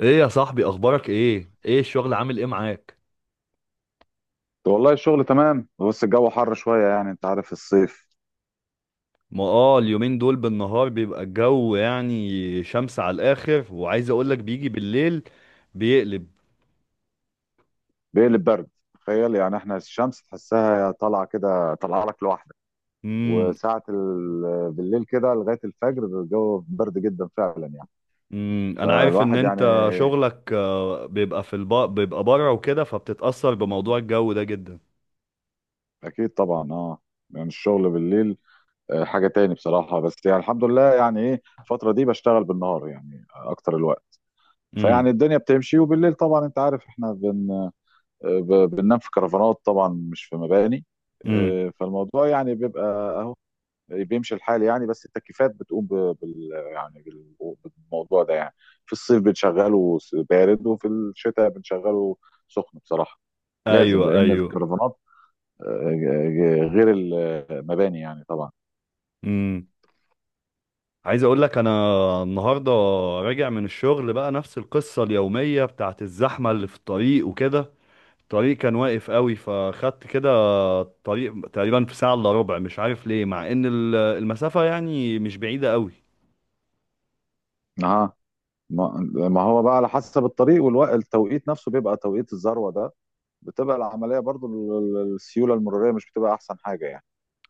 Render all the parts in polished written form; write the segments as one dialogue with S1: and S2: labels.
S1: ايه يا صاحبي، اخبارك ايه؟ ايه الشغل؟ عامل ايه معاك؟
S2: والله الشغل تمام، بس الجو حر شوية، يعني انت عارف الصيف
S1: ما اليومين دول بالنهار بيبقى الجو يعني شمس على الاخر، وعايز اقولك بيجي بالليل بيقلب.
S2: بيقلب برد. تخيل يعني احنا الشمس تحسها طالعة كده، طالعة لك لوحدك.
S1: امم.
S2: وساعة بالليل كده لغاية الفجر الجو برد جدا فعلا يعني.
S1: امم. انا عارف ان
S2: فالواحد يعني
S1: انت شغلك بيبقى بره وكده، فبتتأثر بموضوع الجو ده جدا.
S2: اكيد طبعا، يعني الشغل بالليل حاجة تاني بصراحة. بس يعني الحمد لله، يعني ايه، الفترة دي بشتغل بالنهار يعني اكتر الوقت،
S1: امم.
S2: فيعني الدنيا بتمشي. وبالليل طبعا انت عارف احنا بننام في كرفانات، طبعا مش في مباني.
S1: امم.
S2: فالموضوع يعني بيبقى اهو، بيمشي الحال يعني. بس التكييفات بتقوم بالموضوع ده يعني. في الصيف بنشغله بارد، وفي الشتاء بنشغله سخن بصراحة. لازم،
S1: ايوه،
S2: لأن
S1: ايوه.
S2: الكرفانات غير المباني يعني طبعا.
S1: امم. عايز اقولك، انا النهارده راجع من الشغل، بقى نفس القصة اليومية بتاعت الزحمة اللي في الطريق وكده. الطريق كان واقف قوي، فخدت كده طريق تقريبا في ساعة الا ربع. مش عارف ليه، مع ان المسافة يعني مش بعيدة قوي.
S2: اه، ما ما هو بقى على حسب الطريق، والتوقيت نفسه بيبقى توقيت الذروة ده. بتبقى العملية برضو السيولة المرورية مش بتبقى أحسن حاجة يعني.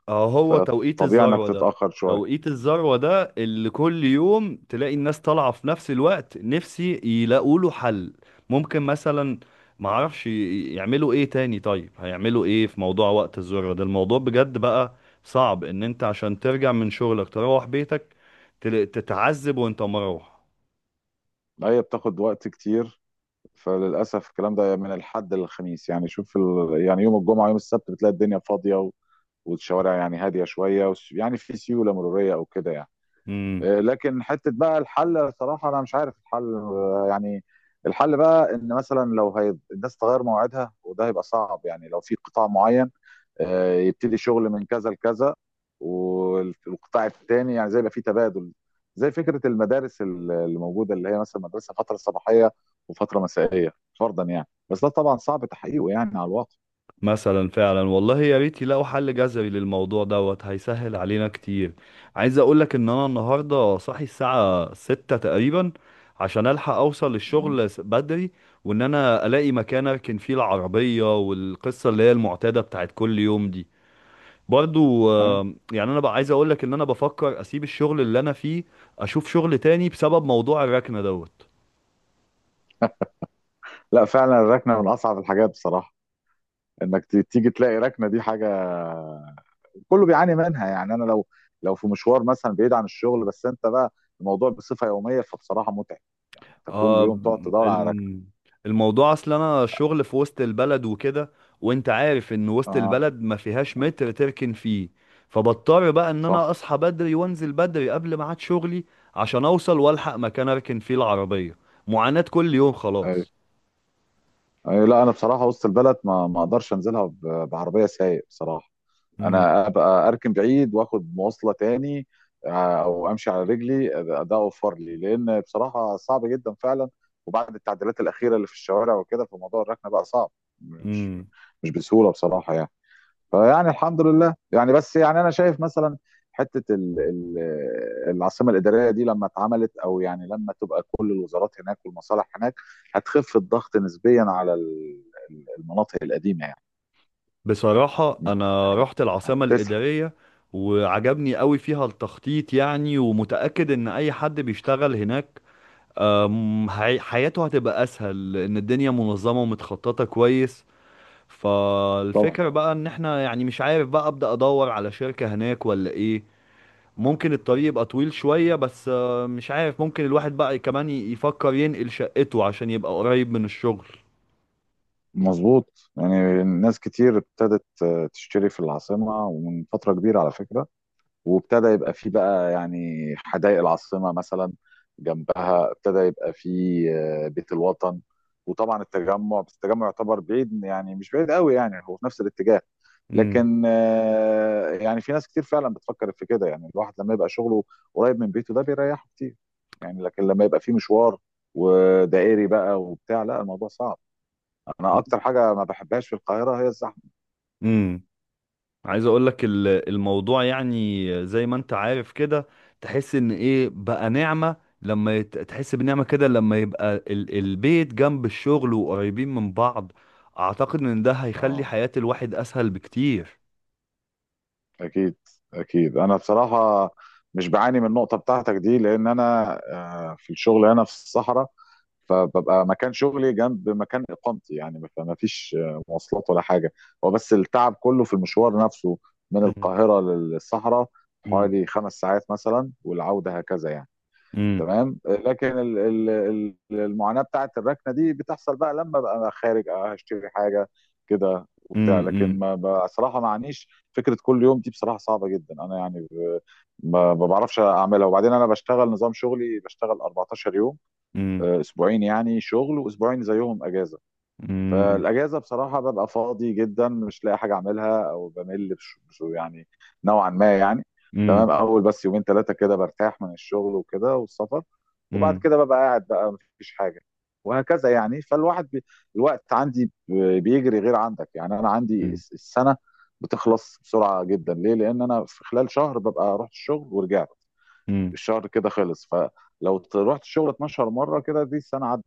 S1: اه، هو توقيت
S2: فطبيعي انك
S1: الذروة ده.
S2: تتاخر شويه.
S1: توقيت الذروة ده اللي كل يوم تلاقي الناس طالعة في نفس الوقت. نفسي يلاقوا له حل. ممكن مثلا، معرفش يعملوا ايه تاني. طيب هيعملوا ايه في موضوع وقت الذروة ده؟ الموضوع بجد بقى صعب ان انت عشان ترجع من شغلك تروح بيتك تتعذب وانت مروح.
S2: لا هي بتاخد وقت كتير، فللاسف الكلام ده من الحد للخميس، يعني شوف يعني يوم الجمعه يوم السبت بتلاقي الدنيا فاضيه والشوارع يعني هاديه شويه، يعني في سيوله مروريه او كده يعني. لكن حته بقى الحل، صراحه انا مش عارف الحل يعني. الحل بقى ان مثلا الناس تغير موعدها، وده هيبقى صعب يعني. لو في قطاع معين يبتدي شغل من كذا لكذا، والقطاع الثاني يعني زي يبقى في تبادل، زي فكره المدارس اللي موجوده، اللي هي مثلا مدرسه فتره صباحيه وفتره مسائيه فرضا يعني. بس ده طبعا صعب تحقيقه يعني على الواقع.
S1: مثلا فعلا، والله يا ريت يلاقوا حل جذري للموضوع دوت، هيسهل علينا كتير. عايز اقولك ان انا النهارده صاحي الساعة 6 تقريبا، عشان الحق اوصل
S2: مم.
S1: للشغل بدري. وان انا الاقي مكان اركن فيه العربية، والقصة اللي هي المعتادة بتاعت كل يوم دي برضو.
S2: أيوة.
S1: يعني انا بقى عايز اقولك ان انا بفكر اسيب الشغل اللي انا فيه، اشوف شغل تاني بسبب موضوع الركنة دوت.
S2: لا فعلا الركنه من اصعب الحاجات بصراحه. انك تيجي تلاقي ركنه، دي حاجه كله بيعاني منها يعني. انا لو في مشوار مثلا بعيد عن الشغل، بس انت بقى الموضوع بصفه يوميه فبصراحه متعب. يعني انت كل
S1: آه
S2: يوم تقعد تدور على ركنه.
S1: الم- الموضوع اصل انا شغل في وسط البلد وكده، وانت عارف ان
S2: اه،
S1: وسط البلد ما فيهاش
S2: آه،
S1: متر تركن فيه. فبضطر بقى ان انا
S2: صح.
S1: اصحى بدري وانزل بدري قبل ميعاد شغلي، عشان اوصل والحق مكان اركن فيه العربية. معاناة كل يوم خلاص.
S2: أي، لا انا بصراحه وسط البلد ما اقدرش انزلها بعربيه سايق بصراحه.
S1: امم.
S2: انا ابقى اركن بعيد واخد مواصله تاني، او امشي على رجلي. ده اوفر لي، لان بصراحه صعب جدا فعلا، وبعد التعديلات الاخيره اللي في الشوارع وكده فموضوع الركنه بقى صعب، مش
S1: امم.
S2: مش بسهوله بصراحه يعني. فيعني الحمد لله يعني. بس يعني انا شايف مثلا حته ال العاصمه الاداريه دي لما اتعملت، او يعني لما تبقى كل الوزارات هناك والمصالح هناك هتخف الضغط نسبيا على المناطق القديمه يعني.
S1: بصراحة أنا
S2: يعني
S1: رحت العاصمة
S2: هتسحب
S1: الإدارية وعجبني قوي فيها التخطيط يعني، ومتأكد إن أي حد بيشتغل هناك حياته هتبقى اسهل، لان الدنيا منظمه ومتخططه كويس.
S2: طبعا.
S1: فالفكره بقى ان احنا يعني مش عارف، بقى ابدا ادور على شركه هناك ولا ايه. ممكن الطريق يبقى طويل شويه، بس مش عارف، ممكن الواحد بقى كمان يفكر ينقل شقته عشان يبقى قريب من الشغل.
S2: مظبوط، يعني ناس كتير ابتدت تشتري في العاصمه، ومن فتره كبيره على فكره. وابتدى يبقى فيه بقى يعني حدائق العاصمة مثلا، جنبها ابتدى يبقى فيه بيت الوطن. وطبعا التجمع، بس التجمع يعتبر بعيد، يعني مش بعيد قوي يعني، هو في نفس الاتجاه. لكن يعني في ناس كتير فعلا بتفكر في كده. يعني الواحد لما يبقى شغله قريب من بيته ده بيريحه كتير يعني. لكن لما يبقى فيه مشوار ودائري بقى وبتاع، لا الموضوع صعب. انا اكتر حاجة ما بحبهاش في القاهرة هي الزحمة.
S1: امم. عايز اقول لك، الموضوع يعني زي ما انت عارف كده، تحس ان ايه بقى نعمة، لما تحس بنعمة كده لما يبقى البيت جنب الشغل وقريبين من بعض. اعتقد ان ده هيخلي
S2: اه،
S1: حياة الواحد اسهل بكتير.
S2: اكيد اكيد. انا بصراحه مش بعاني من النقطه بتاعتك دي، لان انا في الشغل هنا في الصحراء، فببقى مكان شغلي جنب مكان اقامتي يعني، فما فيش مواصلات ولا حاجه. هو بس التعب كله في المشوار نفسه، من
S1: مم.
S2: القاهره للصحراء،
S1: مم.
S2: حوالي 5 ساعات مثلا، والعوده هكذا يعني.
S1: مم.
S2: تمام. لكن المعاناة بتاعت الركنة دي بتحصل بقى لما بقى أنا خارج، هشتري حاجة كده وبتاع. لكن
S1: مم.
S2: ما بصراحة ما عنيش فكرة كل يوم دي، بصراحة صعبة جدا. أنا يعني ما بعرفش أعملها. وبعدين أنا بشتغل نظام شغلي، بشتغل 14 يوم،
S1: مم.
S2: أسبوعين يعني شغل، وأسبوعين زيهم أجازة.
S1: مم.
S2: فالاجازه بصراحه ببقى فاضي جدا، مش لاقي حاجه اعملها، او بمل يعني نوعا ما يعني.
S1: مم.
S2: تمام اول، بس يومين ثلاثه كده برتاح من الشغل وكده والسفر. وبعد
S1: مم.
S2: كده ببقى قاعد بقى، مفيش حاجه، وهكذا يعني. الوقت عندي بيجري غير عندك، يعني انا عندي
S1: مم.
S2: السنه بتخلص بسرعه جدا. ليه؟ لان انا في خلال شهر ببقى رحت الشغل ورجعت،
S1: مم.
S2: الشهر كده خلص. فلو رحت الشغل 12 مره كده دي السنه عدت.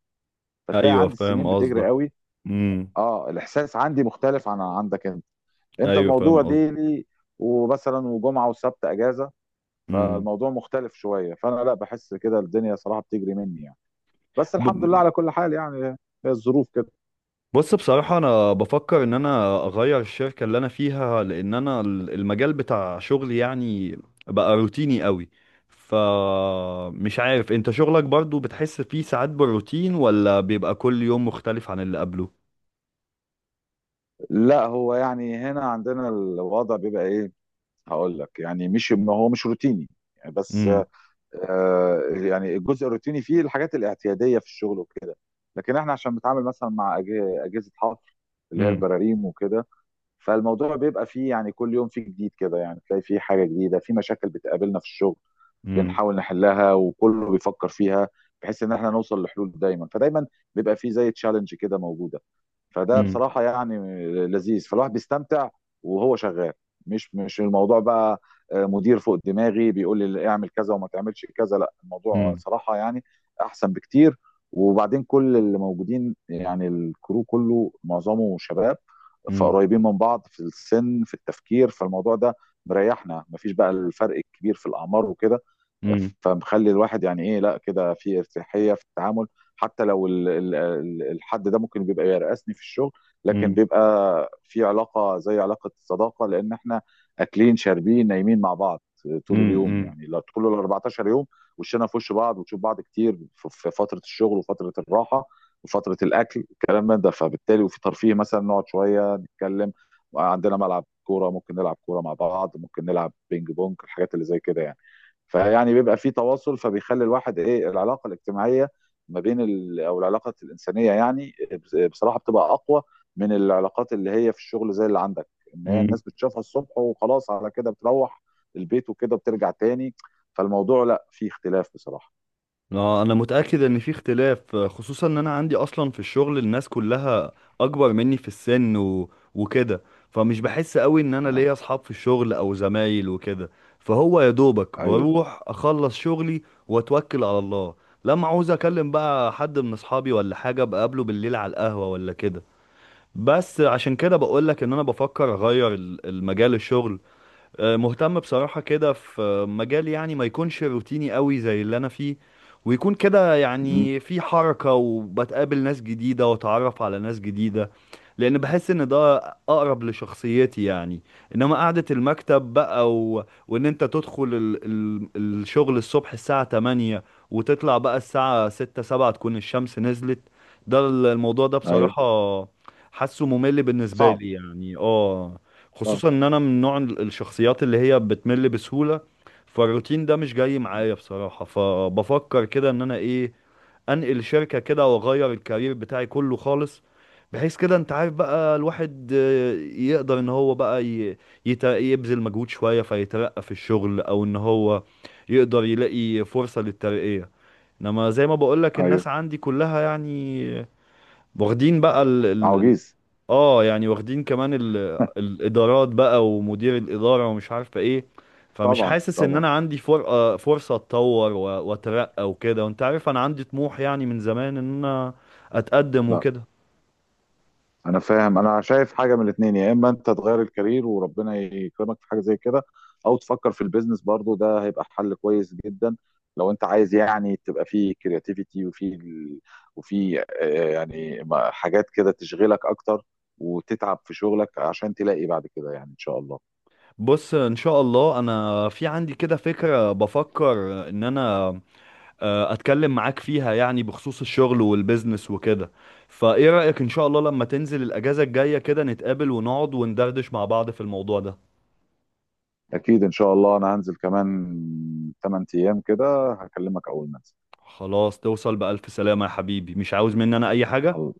S2: فتلاقي
S1: ايوه،
S2: عندي
S1: فاهم
S2: السنين بتجري
S1: قصدك.
S2: قوي.
S1: مم.
S2: اه، الاحساس عندي مختلف عن عندك. انت، انت
S1: ايوه،
S2: الموضوع
S1: فاهم قصدك.
S2: ديلي، ومثلا وجمعه وسبت اجازه،
S1: مم.
S2: فالموضوع مختلف شويه. فانا لا بحس كده الدنيا صراحه بتجري مني يعني. بس الحمد لله على كل حال يعني، هي الظروف كده.
S1: بص، بصراحة أنا بفكر إن أنا أغير الشركة اللي أنا فيها، لأن أنا المجال بتاع شغلي يعني بقى روتيني قوي. فمش عارف، أنت شغلك برضو بتحس فيه ساعات بالروتين ولا بيبقى كل يوم مختلف عن اللي قبله؟
S2: لا هو يعني هنا عندنا الوضع بيبقى ايه، هقول لك. يعني مش ما هو مش روتيني يعني، بس
S1: امم.
S2: يعني الجزء الروتيني فيه الحاجات الاعتياديه في الشغل وكده. لكن احنا عشان بنتعامل مثلا مع اجهزه حفر اللي هي
S1: امم.
S2: البراريم وكده، فالموضوع بيبقى فيه يعني كل يوم فيه جديد كده. يعني تلاقي فيه حاجة جديدة في مشاكل بتقابلنا في الشغل،
S1: امم.
S2: بنحاول نحلها، وكله بيفكر فيها بحيث ان احنا نوصل لحلول دايما. فدايما بيبقى فيه زي تشالنج كده موجودة، فده بصراحة يعني لذيذ، فالواحد بيستمتع وهو شغال. مش الموضوع بقى مدير فوق دماغي بيقول لي اعمل كذا وما تعملش كذا، لا الموضوع
S1: امم.
S2: صراحة يعني احسن بكتير. وبعدين كل اللي موجودين، يعني الكرو كله معظمه شباب، فقريبين من بعض في السن، في التفكير، فالموضوع ده مريحنا. مفيش بقى الفرق الكبير في الاعمار وكده،
S1: امم.
S2: فمخلي الواحد يعني ايه، لا كده في ارتياحيه في التعامل. حتى لو الحد ده ممكن بيبقى يرقصني في الشغل، لكن
S1: امم.
S2: بيبقى في علاقه زي علاقه الصداقه، لان احنا اكلين شاربين نايمين مع بعض طول اليوم يعني، طول ال 14 يوم. وشنا في وش بعض، وتشوف بعض كتير في فتره الشغل وفتره الراحه وفتره الاكل، الكلام من ده. فبالتالي وفي ترفيه مثلا، نقعد شويه نتكلم، عندنا ملعب كوره ممكن نلعب كوره مع بعض، ممكن نلعب بينج بونج، الحاجات اللي زي كده يعني. فيعني بيبقى في تواصل، فبيخلي الواحد ايه، العلاقه الاجتماعيه ما بين او العلاقه الانسانيه يعني بصراحه بتبقى اقوى من العلاقات اللي هي في الشغل زي اللي عندك، ان هي
S1: امم.
S2: الناس بتشوفها الصبح وخلاص، على كده بتروح البيت وكده، بترجع تاني. فالموضوع لا فيه اختلاف بصراحه.
S1: اه، انا متاكد ان في اختلاف، خصوصا ان انا عندي اصلا في الشغل الناس كلها اكبر مني في السن وكده. فمش بحس قوي ان انا ليا
S2: آه.
S1: اصحاب في الشغل او زمايل وكده. فهو يا دوبك
S2: ايوه،
S1: بروح اخلص شغلي واتوكل على الله. لما عاوز اكلم بقى حد من اصحابي ولا حاجه، بقابله بالليل على القهوه ولا كده. بس عشان كده بقولك ان انا بفكر اغير المجال الشغل. مهتم بصراحة كده في مجال يعني ما يكونش روتيني قوي زي اللي أنا فيه، ويكون كده
S2: مهم.
S1: يعني في حركة وبتقابل ناس جديدة وأتعرف على ناس جديدة. لأن بحس إن ده أقرب لشخصيتي يعني. إنما قعدة المكتب بقى، وإن أنت تدخل الشغل الصبح الساعة 8 وتطلع بقى الساعة 6 7، تكون الشمس نزلت. ده الموضوع ده
S2: ايوه،
S1: بصراحة حاسه ممل بالنسبة
S2: صعب.
S1: لي يعني، اه.
S2: صعب.
S1: خصوصا ان انا من نوع الشخصيات اللي هي بتمل بسهولة. فالروتين ده مش جاي معايا بصراحة، فبفكر كده ان انا ايه، انقل شركة كده واغير الكارير بتاعي كله خالص، بحيث كده انت عارف بقى الواحد يقدر ان هو بقى يبذل مجهود شوية فيترقى في الشغل، او ان هو يقدر يلاقي فرصة للترقية. انما زي ما بقولك،
S2: ايوه.
S1: الناس عندي كلها يعني واخدين بقى،
S2: عواجيز.
S1: اه يعني واخدين كمان الادارات بقى ومدير الاداره ومش عارفه ايه. فمش
S2: طبعا
S1: حاسس ان
S2: طبعا.
S1: انا عندي فر... آه، فرصه اتطور واترقى وكده. وانت عارف انا عندي طموح يعني من زمان ان انا اتقدم
S2: لا
S1: وكده.
S2: انا فاهم، انا شايف حاجه من الاثنين: يا اما انت تغير الكارير وربنا يكرمك في حاجه زي كده، او تفكر في البيزنس، برضو ده هيبقى حل كويس جدا لو انت عايز يعني تبقى فيه كرياتيفيتي، وفي وفي يعني حاجات كده تشغلك اكتر، وتتعب في شغلك عشان تلاقي بعد كده يعني ان شاء الله.
S1: بص، ان شاء الله انا في عندي كده فكره، بفكر ان انا اتكلم معاك فيها يعني بخصوص الشغل والبيزنس وكده. فايه رايك، ان شاء الله لما تنزل الاجازه الجايه كده نتقابل ونقعد وندردش مع بعض في الموضوع ده؟
S2: اكيد ان شاء الله، انا هنزل كمان 8 ايام كده، هكلمك اول ما انزل.
S1: خلاص، توصل بألف سلامة يا حبيبي. مش عاوز مني أنا أي حاجة؟
S2: الله،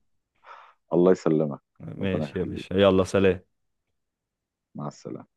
S2: الله يسلمك، ربنا
S1: ماشي يا
S2: يخليك،
S1: باشا، يلا سلام.
S2: مع السلامه.